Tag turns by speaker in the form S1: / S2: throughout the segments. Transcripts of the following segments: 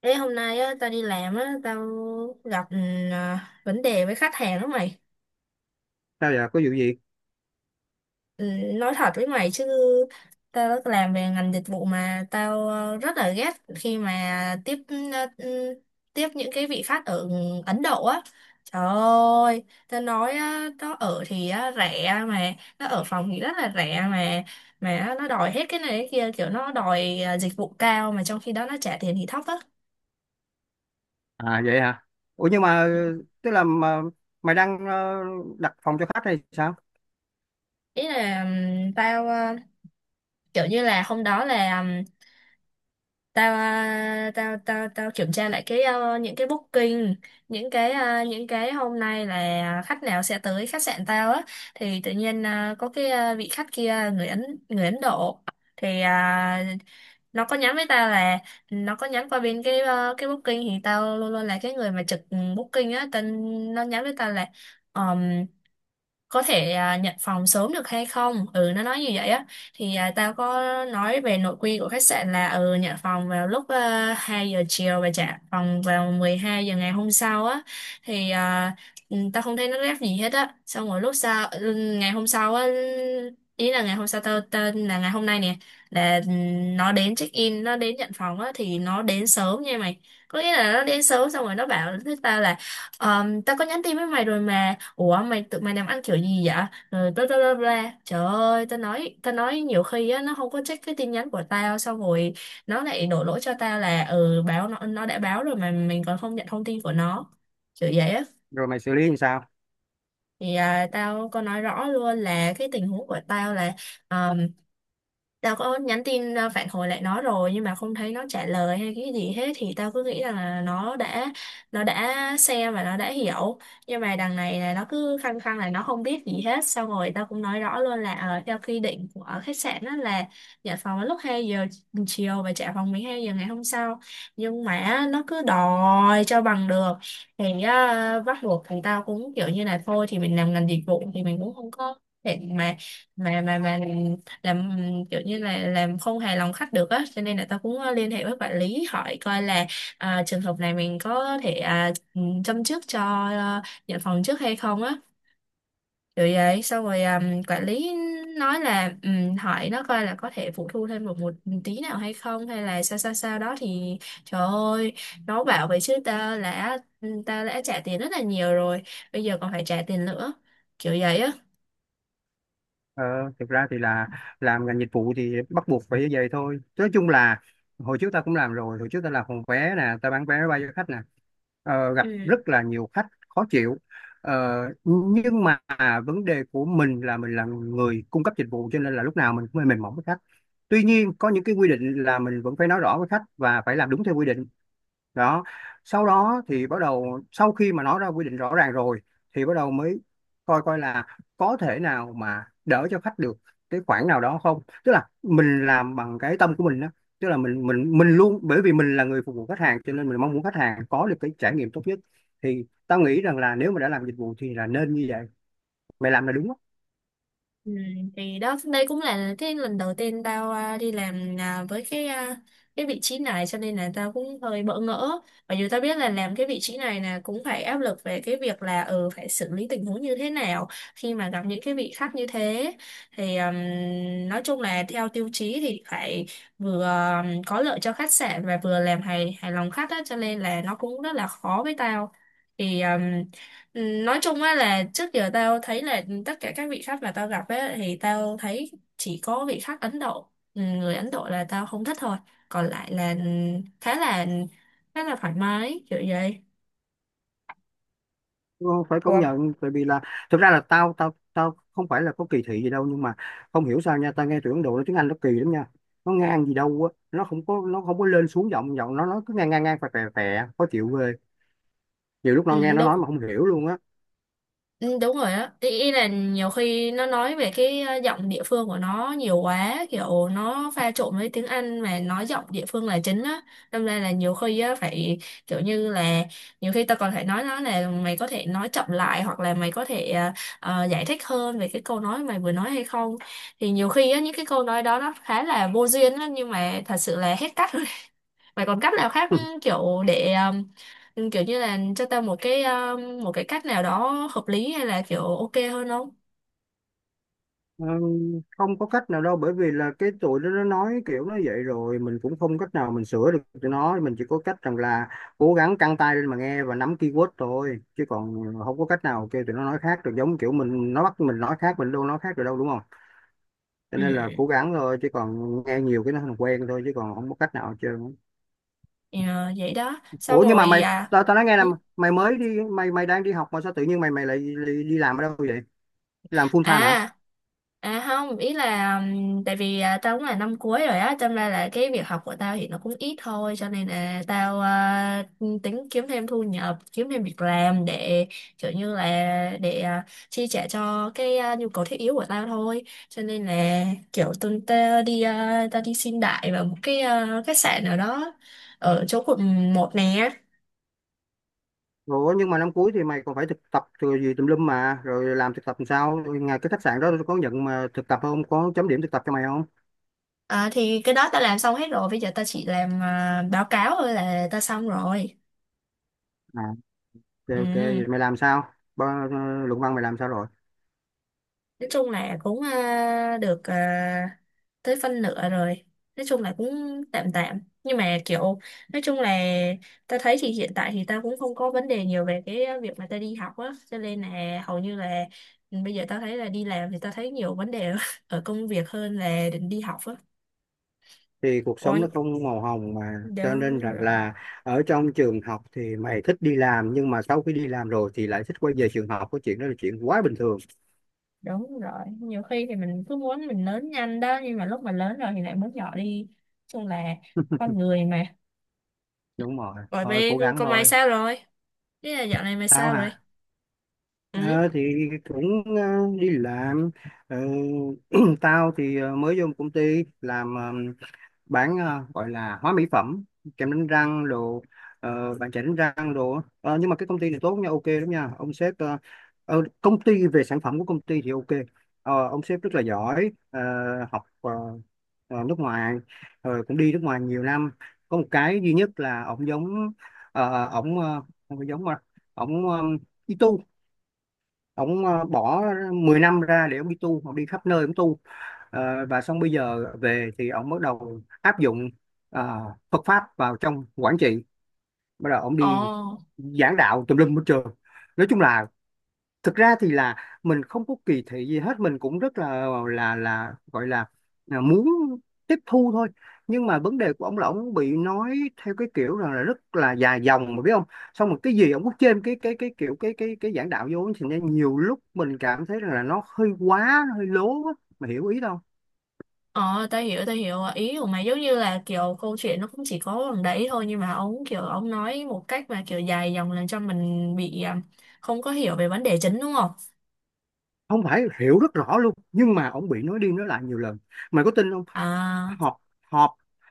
S1: Ê, hôm nay á, tao đi làm á, tao gặp vấn đề với khách hàng đó mày.
S2: Sao vậy? Có vụ gì?
S1: Ừ, nói thật với mày chứ, tao đã làm về ngành dịch vụ mà tao rất là ghét khi mà tiếp ờ, ừ, tiếp những cái vị khách ở Ấn Độ á. Trời ơi, tao nói á, nó ở thì á, rẻ mà, nó ở phòng thì rất là rẻ mà nó đòi hết cái này cái kia, kiểu nó đòi dịch vụ cao mà trong khi đó nó trả tiền thì thấp á.
S2: À, vậy hả? Ủa nhưng mà tức là mà, mày đang đặt phòng cho khách hay sao?
S1: Ý là tao kiểu như là hôm đó là tao tao kiểm tra lại cái những cái booking, những cái những cái hôm nay là khách nào sẽ tới khách sạn tao á. Thì tự nhiên có cái vị khách kia người Ấn, người Ấn Độ thì nó có nhắn với tao là nó có nhắn qua bên cái cái booking, thì tao luôn luôn là cái người mà trực booking á tên. Nó nhắn với tao là có thể nhận phòng sớm được hay không, ừ nó nói như vậy á. Thì tao có nói về nội quy của khách sạn là ừ nhận phòng vào lúc 2 giờ chiều và trả phòng vào 12 giờ ngày hôm sau á. Thì tao không thấy nó rep gì hết á, xong rồi lúc sau ngày hôm sau á, ý là ngày hôm sau tao tên là ngày hôm nay nè, là nó đến check in, nó đến nhận phòng á thì nó đến sớm nha mày. Có nghĩa là nó đến sớm xong rồi nó bảo với tao là: "Ờ, tao có nhắn tin với mày rồi mà, ủa mày tụi mày làm ăn kiểu gì vậy", rồi bla bla bla bla. Trời ơi tao nói, tao nói nhiều khi á nó không có check cái tin nhắn của tao, xong rồi nó lại đổ lỗi cho tao là ừ báo nó đã báo rồi mà mình còn không nhận thông tin của nó, kiểu vậy á.
S2: Rồi mày xử lý như sao?
S1: Thì tao có nói rõ luôn là cái tình huống của tao là um, tao có nhắn tin phản hồi lại nó rồi nhưng mà không thấy nó trả lời hay cái gì hết, thì tao cứ nghĩ rằng là nó đã xem và nó đã hiểu. Nhưng mà đằng này là nó cứ khăng khăng là nó không biết gì hết, xong rồi tao cũng nói rõ luôn là theo quy định của khách sạn đó là nhận phòng vào lúc 2 giờ chiều và trả phòng 12 giờ ngày hôm sau, nhưng mà nó cứ đòi cho bằng được. Thì á, bắt buộc thằng tao cũng kiểu như là thôi thì mình làm ngành dịch vụ thì mình cũng không có thể mà làm kiểu như là làm không hài lòng khách được á, cho nên là tao cũng liên hệ với quản lý hỏi coi là trường hợp này mình có thể châm chước cho à, nhận phòng trước hay không á. Rồi vậy xong rồi quản lý nói là hỏi nó coi là có thể phụ thu thêm một một tí nào hay không, hay là sao sao sao đó. Thì trời ơi, nó bảo vậy chứ ta đã trả tiền rất là nhiều rồi, bây giờ còn phải trả tiền nữa, kiểu vậy
S2: ờ, Thực ra thì là làm ngành dịch vụ thì bắt buộc phải như vậy thôi, nói chung là hồi trước ta cũng làm rồi, hồi trước ta làm phòng vé nè, ta bán vé máy bay cho khách nè. Gặp
S1: á.
S2: rất là nhiều khách khó chịu. Ờ, nhưng mà vấn đề của mình là người cung cấp dịch vụ, cho nên là lúc nào mình cũng hơi mềm mỏng với khách. Tuy nhiên có những cái quy định là mình vẫn phải nói rõ với khách và phải làm đúng theo quy định đó. Sau đó thì bắt đầu, sau khi mà nó ra quy định rõ ràng rồi thì bắt đầu mới coi coi là có thể nào mà đỡ cho khách được cái khoản nào đó không, tức là mình làm bằng cái tâm của mình đó. Tức là mình mình luôn, bởi vì mình là người phục vụ khách hàng cho nên mình mong muốn khách hàng có được cái trải nghiệm tốt nhất. Thì tao nghĩ rằng là nếu mà đã làm dịch vụ thì là nên như vậy, mày làm là đúng.
S1: Ừ, thì đó đây cũng là cái lần đầu tiên tao đi làm với cái cái vị trí này, cho nên là tao cũng hơi bỡ ngỡ. Mặc dù tao biết là làm cái vị trí này là cũng phải áp lực về cái việc là ừ phải xử lý tình huống như thế nào khi mà gặp những cái vị khách như thế, thì nói chung là theo tiêu chí thì phải vừa có lợi cho khách sạn và vừa làm hài hài lòng khách đó, cho nên là nó cũng rất là khó với tao. Thì ừ, nói chung á là trước giờ tao thấy là tất cả các vị khách mà tao gặp á thì tao thấy chỉ có vị khách Ấn Độ, ừ, người Ấn Độ là tao không thích thôi, còn lại là khá là khá là thoải mái, kiểu vậy.
S2: Ờ, Phải công
S1: Ủa,
S2: nhận, tại vì là thực ra là tao tao tao không phải là có kỳ thị gì đâu, nhưng mà không hiểu sao nha, tao nghe tụi Ấn Độ nói tiếng Anh nó kỳ lắm nha, nó ngang gì đâu á, nó không có lên xuống giọng giọng nó cứ ngang ngang ngang, phè phè phè, khó chịu ghê, nhiều lúc nó nghe
S1: ừ,
S2: nó nói mà
S1: đúng.
S2: không hiểu luôn á.
S1: Ừ, đúng rồi đó. Ý là nhiều khi nó nói về cái giọng địa phương của nó nhiều quá, kiểu nó pha trộn với tiếng Anh mà nói giọng địa phương là chính á, đâm ra là nhiều khi á phải kiểu như là nhiều khi ta còn phải nói nó là mày có thể nói chậm lại, hoặc là mày có thể giải thích hơn về cái câu nói mày vừa nói hay không. Thì nhiều khi á những cái câu nói đó nó khá là vô duyên á, nhưng mà thật sự là hết cách. Mày còn cách nào khác kiểu để kiểu như là cho tao một cái cách nào đó hợp lý, hay là kiểu ok hơn không?
S2: Ờ, Không có cách nào đâu, bởi vì là cái tụi nó nói kiểu nó vậy rồi, mình cũng không cách nào mình sửa được tụi nó, mình chỉ có cách rằng là cố gắng căng tai lên mà nghe và nắm keyword thôi, chứ còn không có cách nào kêu tụi nó nói khác được, giống kiểu mình, nó bắt mình nói khác mình đâu nói khác được đâu, đúng không? Cho
S1: Ừ.
S2: nên là cố gắng thôi, chứ còn nghe nhiều cái nó thành quen thôi, chứ còn không có cách nào hết trơn.
S1: Ờ, vậy đó xong
S2: Ủa nhưng mà
S1: rồi
S2: mày tao tao nói nghe là,
S1: ừ.
S2: mày mới đi, mày mày đang đi học mà sao tự nhiên mày mày lại đi làm ở đâu vậy? Làm full time hả?
S1: à không, ý là tại vì tao cũng là năm cuối rồi á, cho nên là cái việc học của tao thì nó cũng ít thôi, cho nên là tao tính kiếm thêm thu nhập, kiếm thêm việc làm để kiểu như là để chi trả cho cái nhu cầu thiết yếu của tao thôi. Cho nên là kiểu tuần tao đi tao đi xin đại vào một cái khách sạn nào đó ở chỗ quận 1 nè.
S2: Ủa nhưng mà năm cuối thì mày còn phải thực tập rồi gì tùm lum mà, rồi làm thực tập làm sao, ngày cái khách sạn đó có nhận mà thực tập không, có chấm điểm thực tập cho mày không?
S1: À, thì cái đó ta làm xong hết rồi, bây giờ ta chỉ làm báo cáo thôi là ta xong rồi.
S2: À, ok ok,
S1: Ừ.
S2: vậy mày làm sao? Ba, luận văn mày làm sao rồi?
S1: Nói chung là cũng được tới phân nửa rồi. Nói chung là cũng tạm tạm nhưng mà kiểu nói chung là ta thấy thì hiện tại thì ta cũng không có vấn đề nhiều về cái việc mà ta đi học á, cho nên là hầu như là ừ, bây giờ ta thấy là đi làm thì ta thấy nhiều vấn đề ở công việc hơn là định đi học á.
S2: Thì cuộc
S1: Ủa,
S2: sống nó không màu hồng mà, cho nên
S1: đúng
S2: rằng
S1: rồi,
S2: là ở trong trường học thì mày thích đi làm, nhưng mà sau khi đi làm rồi thì lại thích quay về trường học, cái chuyện đó là chuyện quá bình thường.
S1: đúng rồi, nhiều khi thì mình cứ muốn mình lớn nhanh đó, nhưng mà lúc mà lớn rồi thì lại muốn nhỏ đi. Nói chung là con người mà.
S2: Đúng rồi,
S1: Rồi
S2: thôi
S1: bé
S2: cố
S1: con
S2: gắng
S1: con Mai
S2: thôi.
S1: sao rồi? Ý là dạo này mày
S2: Tao
S1: sao rồi?
S2: hả?
S1: Ừ.
S2: Ờ, thì cũng đi làm. Ờ, Tao thì mới vô công ty làm, bán, gọi là hóa mỹ phẩm, kem đánh răng đồ, bàn chải đánh răng đồ á. Ờ, nhưng mà cái công ty này tốt nha, ok lắm nha, ông sếp công ty, về sản phẩm của công ty thì ok. Ông sếp rất là giỏi, học nước ngoài, rồi cũng đi nước ngoài nhiều năm. Có một cái duy nhất là ổng giống ổng không phải giống mà ổng ông bỏ 10 năm ra để ông đi tu, ông đi khắp nơi ông tu. Và xong bây giờ về thì ông bắt đầu áp dụng ờ, Phật pháp vào trong quản trị, bắt đầu ông đi
S1: Ồ,
S2: giảng đạo tùm lum hết trơn. Nói chung là thực ra thì là mình không có kỳ thị gì hết, mình cũng rất là gọi là muốn tiếp thu thôi. Nhưng mà vấn đề của ông là ông bị nói theo cái kiểu rằng là rất là dài dòng, mà biết không, xong một cái gì ông cứ trên cái kiểu cái giảng đạo vô, thì nên nhiều lúc mình cảm thấy rằng là nó hơi quá, nó hơi lố á, mà hiểu ý đâu.
S1: ồ, tao hiểu, tao hiểu. Ý của mày giống như là kiểu câu chuyện nó cũng chỉ có bằng đấy thôi, nhưng mà ông kiểu ông nói một cách mà kiểu dài dòng, làm cho mình bị không có hiểu về vấn đề chính, đúng không?
S2: Không phải, hiểu rất rõ luôn, nhưng mà ông bị nói đi nói lại nhiều lần, mày có tin không?
S1: À,
S2: Họp, họp,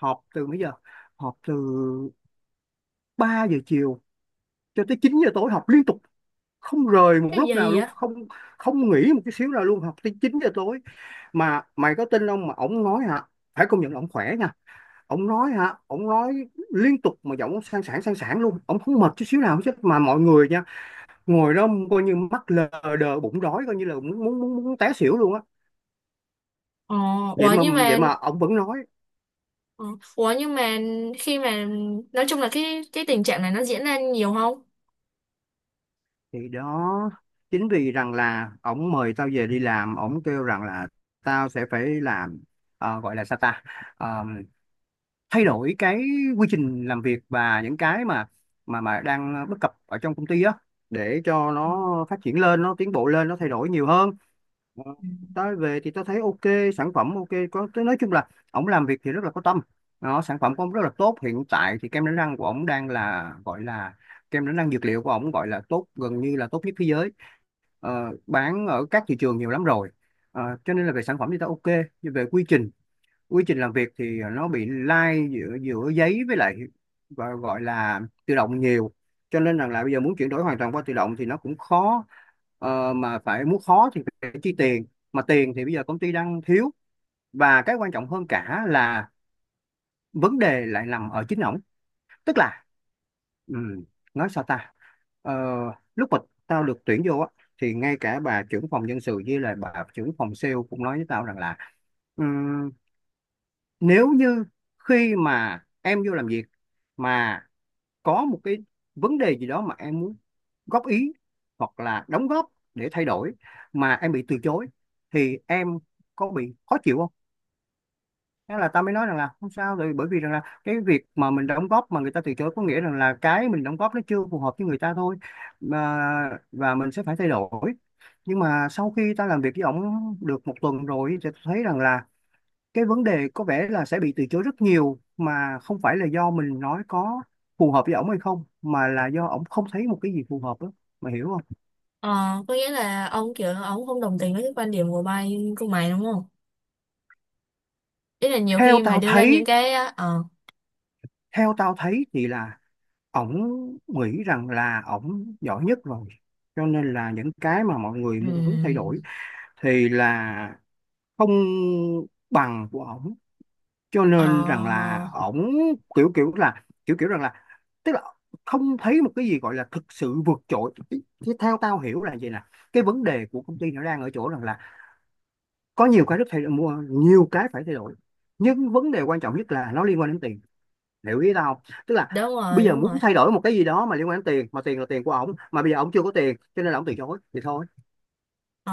S2: họp từ mấy giờ? Họp từ 3 giờ chiều cho tới 9 giờ tối, họp liên tục, không rời một
S1: cái
S2: lúc nào
S1: gì vậy?
S2: luôn, không không nghỉ một cái xíu nào luôn, học tới 9 giờ tối, mà mày có tin không? Mà ổng nói hả, phải công nhận là ổng khỏe nha, ổng nói hả, ổng nói liên tục, mà giọng ổng sang sảng luôn, ổng không mệt chút xíu nào hết, mà mọi người nha, ngồi đó coi như mắt lờ đờ bụng đói, coi như là muốn muốn té xỉu luôn á.
S1: Ồ,
S2: Vậy
S1: ủa
S2: mà
S1: nhưng
S2: vậy
S1: mà
S2: mà ổng vẫn nói.
S1: ờ, ủa nhưng mà khi mà nói chung là cái tình trạng này nó diễn ra nhiều không?
S2: Thì đó, chính vì rằng là ổng mời tao về đi làm, ổng kêu rằng là tao sẽ phải làm, gọi là sao ta, Ờ, thay đổi cái quy trình làm việc và những cái mà đang bất cập ở trong công ty á, để cho nó phát triển lên, nó tiến bộ lên, nó thay đổi nhiều hơn. Ờ, Tới về thì tôi thấy ok, sản phẩm ok, có tôi nói chung là ổng làm việc thì rất là có tâm, nó sản phẩm của ổng rất là tốt, hiện tại thì kem đánh răng của ổng đang là gọi là kem đánh răng dược liệu của ổng gọi là tốt gần như là tốt nhất thế giới. Bán ở các thị trường nhiều lắm rồi. Cho nên là về sản phẩm thì ta ok, nhưng về quy trình, quy trình làm việc thì nó bị lai giữa giữa giấy với lại gọi là tự động nhiều, cho nên rằng là bây giờ muốn chuyển đổi hoàn toàn qua tự động thì nó cũng khó, mà phải muốn khó thì phải chi tiền, mà tiền thì bây giờ công ty đang thiếu. Và cái quan trọng hơn cả là vấn đề lại nằm ở chính ổng. Tức là ừm, nói sao ta, Ờ, lúc mà tao được tuyển vô á thì ngay cả bà trưởng phòng nhân sự với lại bà trưởng phòng sale cũng nói với tao rằng là: nếu như khi mà em vô làm việc mà có một cái vấn đề gì đó mà em muốn góp ý hoặc là đóng góp để thay đổi mà em bị từ chối thì em có bị khó chịu không? Thế là ta mới nói rằng là không sao rồi, bởi vì rằng là cái việc mà mình đóng góp mà người ta từ chối có nghĩa rằng là cái mình đóng góp nó chưa phù hợp với người ta thôi, mà và mình sẽ phải thay đổi. Nhưng mà sau khi ta làm việc với ổng được một tuần rồi thì ta thấy rằng là cái vấn đề có vẻ là sẽ bị từ chối rất nhiều, mà không phải là do mình nói có phù hợp với ổng hay không, mà là do ổng không thấy một cái gì phù hợp đó, mà hiểu không?
S1: Ờ, có nghĩa là ông kiểu ông không đồng tình với cái quan điểm của mày, của mày đúng không? Ý là nhiều
S2: Theo
S1: khi mà
S2: tao
S1: đưa ra
S2: thấy,
S1: những cái
S2: theo tao thấy thì là ổng nghĩ rằng là ổng giỏi nhất rồi. Cho nên là những cái mà mọi người
S1: ừ.
S2: muốn thay đổi thì là không bằng của ổng, cho
S1: Ờ,
S2: nên rằng là ổng kiểu kiểu là kiểu kiểu rằng là, tức là không thấy một cái gì gọi là thực sự vượt trội. Chứ theo tao hiểu là vậy nè, cái vấn đề của công ty nó đang ở chỗ rằng là có nhiều cái rất thay đổi, mua nhiều cái phải thay đổi, nhưng vấn đề quan trọng nhất là nó liên quan đến tiền, hiểu ý tao không? Tức là
S1: đúng rồi,
S2: bây giờ
S1: đúng rồi.
S2: muốn thay đổi một cái gì đó mà liên quan đến tiền, mà tiền là tiền của ổng, mà bây giờ ổng chưa có tiền cho nên là ổng từ chối thì thôi.
S1: Ờ,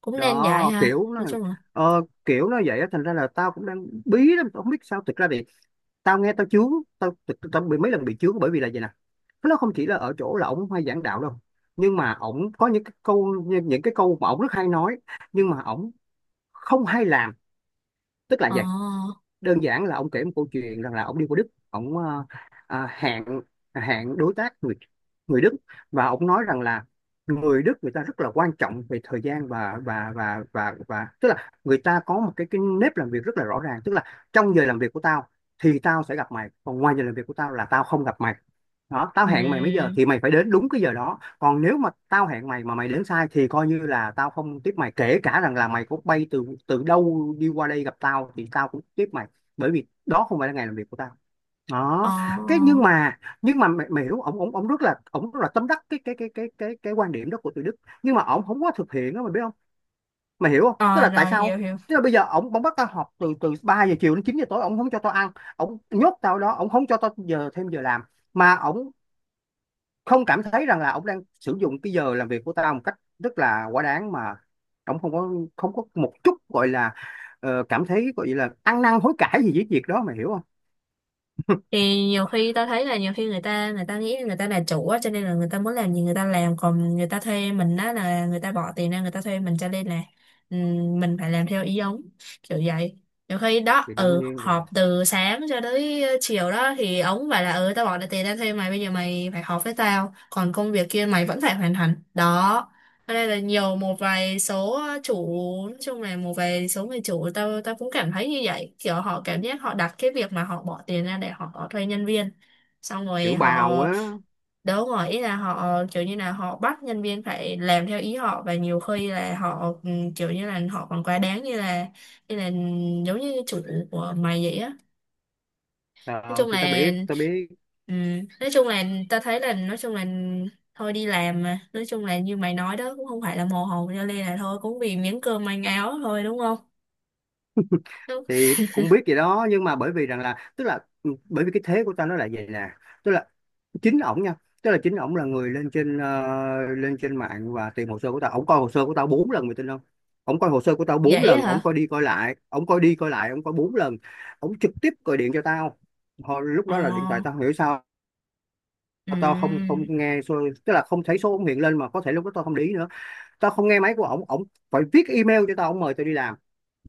S1: cũng nên vậy
S2: Đó
S1: ha.
S2: kiểu nó
S1: Nói chung là,
S2: kiểu nó vậy á, thành ra là tao cũng đang bí lắm, tao không biết sao. Thực ra thì tao nghe tao chướng. Tao bị mấy lần bị chướng, bởi vì là vậy nè, nó không chỉ là ở chỗ là ổng hay giảng đạo đâu, nhưng mà ổng có những cái câu, những cái câu mà ổng rất hay nói, nhưng mà ổng không hay làm. Tức là
S1: ờ,
S2: vậy. Đơn giản là ông kể một câu chuyện rằng là ông đi qua Đức, ông hẹn, hẹn đối tác người, người Đức. Và ông nói rằng là người Đức người ta rất là quan trọng về thời gian, và tức là người ta có một cái nếp làm việc rất là rõ ràng, tức là trong giờ làm việc của tao thì tao sẽ gặp mày, còn ngoài giờ làm việc của tao là tao không gặp mày. Đó, tao hẹn mày mấy giờ
S1: ừ,
S2: thì mày phải đến đúng cái giờ đó, còn nếu mà tao hẹn mày mà mày đến sai thì coi như là tao không tiếp mày, kể cả rằng là mày có bay từ từ đâu đi qua đây gặp tao thì tao cũng tiếp mày, bởi vì đó không phải là ngày làm việc của tao.
S1: ờ,
S2: Đó cái
S1: ờ,
S2: nhưng mà nhưng mà mày hiểu, ổng ổng ổng rất là, ổng rất là tâm đắc cái quan điểm đó của tụi Đức, nhưng mà ổng không có thực hiện đó, mày biết không, mày hiểu không, tức
S1: Ờ,
S2: là tại
S1: rồi,
S2: sao.
S1: hiểu, hiểu.
S2: Tức là bây giờ ổng, ổng bắt tao họp từ từ 3 giờ chiều đến 9 giờ tối, ổng không cho tao ăn, ổng nhốt tao đó, ổng không cho tao giờ thêm giờ làm, mà ổng không cảm thấy rằng là ông đang sử dụng cái giờ làm việc của tao một cách rất là quá đáng, mà ông không có, không có một chút gọi là cảm thấy gọi là ăn năn hối cải gì với việc đó, mày hiểu không.
S1: Thì nhiều khi tao thấy là nhiều khi người ta nghĩ người ta là chủ á, cho nên là người ta muốn làm gì người ta làm. Còn người ta thuê mình á là người ta bỏ tiền ra người ta thuê mình, cho nên là mình phải làm theo ý ông, kiểu vậy. Nhiều khi đó
S2: Thì đương
S1: ừ
S2: nhiên
S1: họp
S2: rồi.
S1: từ sáng cho tới chiều đó, thì ông phải là ừ tao bỏ ra tiền ra thuê mày, bây giờ mày phải họp với tao, còn công việc kia mày vẫn phải hoàn thành đó. Ở đây là nhiều một vài số chủ, nói chung là một vài số người chủ tao, tao cũng cảm thấy như vậy, kiểu họ cảm giác họ đặt cái việc mà họ bỏ tiền ra để họ thuê nhân viên, xong rồi
S2: Kiểu
S1: họ
S2: bào á.
S1: đấu ngỏ ý là họ kiểu như là họ bắt nhân viên phải làm theo ý họ. Và nhiều khi là họ kiểu như là họ còn quá đáng như là giống như chủ của mày vậy á. Nói
S2: Ờ,
S1: chung
S2: thì tao
S1: là
S2: biết tao biết
S1: ừ, nói chung là ta thấy là nói chung là thôi đi làm mà, nói chung là như mày nói đó cũng không phải là mồ hồ, cho nên là thôi cũng vì miếng cơm manh áo thôi đúng không? Đúng.
S2: thì cũng biết gì đó, nhưng mà bởi vì rằng là, tức là ừ, bởi vì cái thế của tao nó là vậy nè. Tức là chính ổng nha, tức là chính ổng là người lên trên lên trên mạng và tìm hồ sơ của tao, ổng coi hồ sơ của tao bốn lần, mày tin không. Ổng coi hồ sơ của tao bốn
S1: Vậy á
S2: lần, ổng coi
S1: hả?
S2: đi coi lại, ổng coi đi coi lại, ổng coi bốn lần. Ổng trực tiếp gọi điện cho tao. Hồi, lúc
S1: ờ
S2: đó là điện thoại tao không hiểu sao,
S1: ừ,
S2: tao không không nghe số, tức là không thấy số ổng hiện lên, mà có thể lúc đó tao không để ý nữa. Tao không nghe máy của ổng, ổng phải viết email cho tao, ổng mời tao đi làm.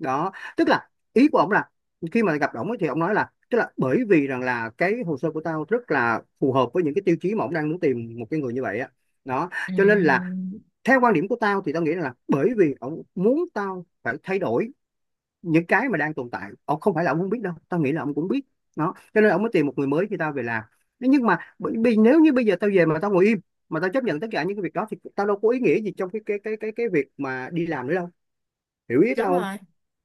S2: Đó, tức là ý của ông là khi mà gặp ổng ấy thì ông nói là, tức là bởi vì rằng là cái hồ sơ của tao rất là phù hợp với những cái tiêu chí mà ông đang muốn tìm một cái người như vậy á. Đó
S1: ừ,
S2: cho nên là theo quan điểm của tao thì tao nghĩ là bởi vì ông muốn tao phải thay đổi những cái mà đang tồn tại. Ông không phải là ổng không biết đâu, tao nghĩ là ông cũng biết đó, cho nên ông mới tìm một người mới khi tao về làm. Thế nhưng mà bởi vì nếu như bây giờ tao về mà tao ngồi im, mà tao chấp nhận tất cả những cái việc đó, thì tao đâu có ý nghĩa gì trong cái việc mà đi làm nữa đâu, hiểu ý tao
S1: Đúng
S2: không.
S1: rồi.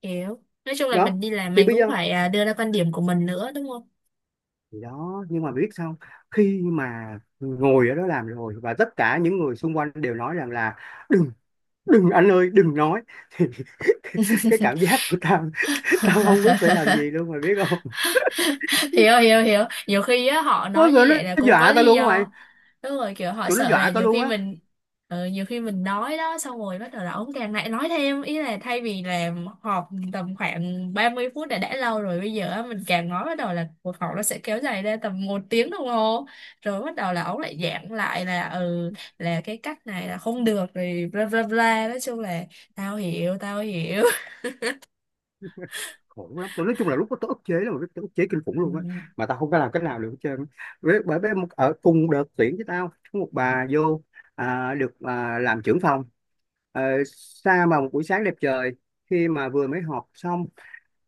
S1: Hiểu, nói chung là
S2: Đó
S1: mình đi làm
S2: thì
S1: mình
S2: bây
S1: cũng
S2: giờ.
S1: phải đưa ra quan điểm của mình nữa, đúng không?
S2: Thì đó nhưng mà biết sao, khi mà ngồi ở đó làm rồi và tất cả những người xung quanh đều nói rằng là đừng, đừng anh ơi, đừng nói thì cái cảm giác của tao, tao không biết phải làm gì luôn, mày biết không.
S1: Hiểu, hiểu, hiểu. Nhiều khi á họ
S2: Ôi,
S1: nói như
S2: tụi nó
S1: vậy là cũng có
S2: dọa tao
S1: lý
S2: luôn á mày,
S1: do. Đúng rồi, kiểu họ
S2: tụi nó
S1: sợ là
S2: dọa tao
S1: nhiều
S2: luôn
S1: khi
S2: á.
S1: mình nhiều khi mình nói đó, xong rồi bắt đầu là ông càng lại nói thêm. Ý là thay vì là họp tầm khoảng 30 phút đã lâu rồi, bây giờ á, mình càng nói bắt đầu là cuộc họp nó sẽ kéo dài ra tầm một tiếng đồng hồ. Rồi bắt đầu là ông lại giảng lại là ừ là cái cách này là không được rồi bla bla bla, nói chung là tao hiểu, tao hiểu.
S2: Khổ lắm, tụi nói chung là lúc đó tao ức chế lắm, mày biết, tao ức chế kinh khủng luôn á,
S1: Ừ,
S2: mà tao không có làm cách nào được hết trơn á. Với bởi bởi một ở cùng đợt tuyển với tao có một bà vô, được, làm trưởng phòng. Ờ, xa mà một buổi sáng đẹp trời, khi mà vừa mới họp xong,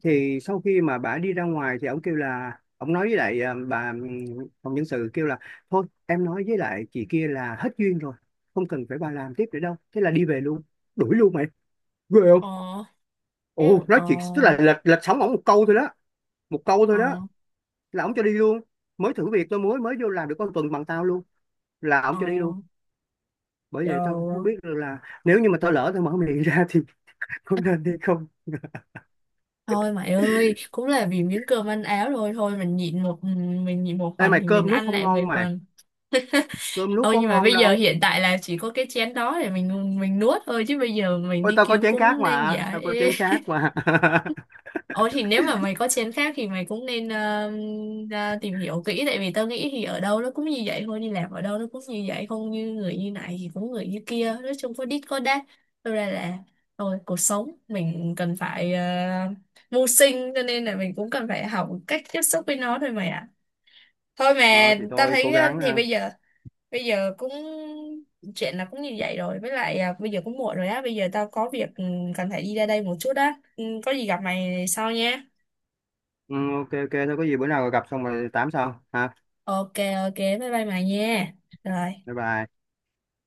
S2: thì sau khi mà bà đi ra ngoài thì ông kêu là, ông nói với lại à, bà phòng nhân sự kêu là thôi em nói với lại chị kia là hết duyên rồi, không cần phải bà làm tiếp nữa đâu, thế là đi về luôn. Đuổi luôn mày, ghê không.
S1: ờ
S2: Ồ
S1: ừ,
S2: nói
S1: ờ
S2: chuyện tức là lệch lệch sóng ổng một câu thôi đó, một câu
S1: ờ
S2: thôi đó là ổng cho đi luôn. Mới thử việc, tôi mới mới vô làm được con tuần bằng tao luôn, là ổng
S1: ờ
S2: cho đi luôn. Bởi vậy tao không biết được là nếu như mà tao lỡ tao mở miệng ra thì có nên hay không.
S1: Thôi mày ơi, cũng là vì miếng cơm ăn áo thôi, thôi mình nhịn một mình nhịn một
S2: Ê
S1: phần
S2: mày,
S1: thì mình
S2: cơm nuốt
S1: ăn
S2: không
S1: lại
S2: ngon
S1: 10
S2: mày,
S1: phần.
S2: cơm nuốt
S1: Ôi
S2: có
S1: nhưng mà
S2: ngon
S1: bây giờ
S2: đâu.
S1: hiện tại là chỉ có cái chén đó để mình nuốt thôi, chứ bây giờ mình
S2: Ôi
S1: đi
S2: tao có
S1: kiếm
S2: chén khác
S1: cũng nên
S2: mà,
S1: dễ.
S2: tao có chén khác mà.
S1: Ồ thì nếu mà mày có chén khác thì mày cũng nên ra tìm hiểu kỹ, tại vì tao nghĩ thì ở đâu nó cũng như vậy thôi, đi làm ở đâu nó cũng như vậy, không như người như này thì cũng người như kia, nói chung có đít có đát. Thật ra là thôi, cuộc sống mình cần phải mưu sinh, cho nên là mình cũng cần phải học cách tiếp xúc với nó thôi mày ạ. Thôi
S2: Ờ
S1: mà
S2: thì
S1: tao
S2: thôi cố
S1: thấy
S2: gắng
S1: thì
S2: ha.
S1: bây giờ, bây giờ cũng chuyện là cũng như vậy rồi. Với lại bây giờ cũng muộn rồi á, bây giờ tao có việc cần phải đi ra đây một chút á. Ừ, có gì gặp mày sau nha.
S2: Ừ, ok ok, thôi có gì bữa nào gặp xong rồi tám sau ha.
S1: Ok, ok, bye bye mày nha. Rồi.
S2: Bye bye.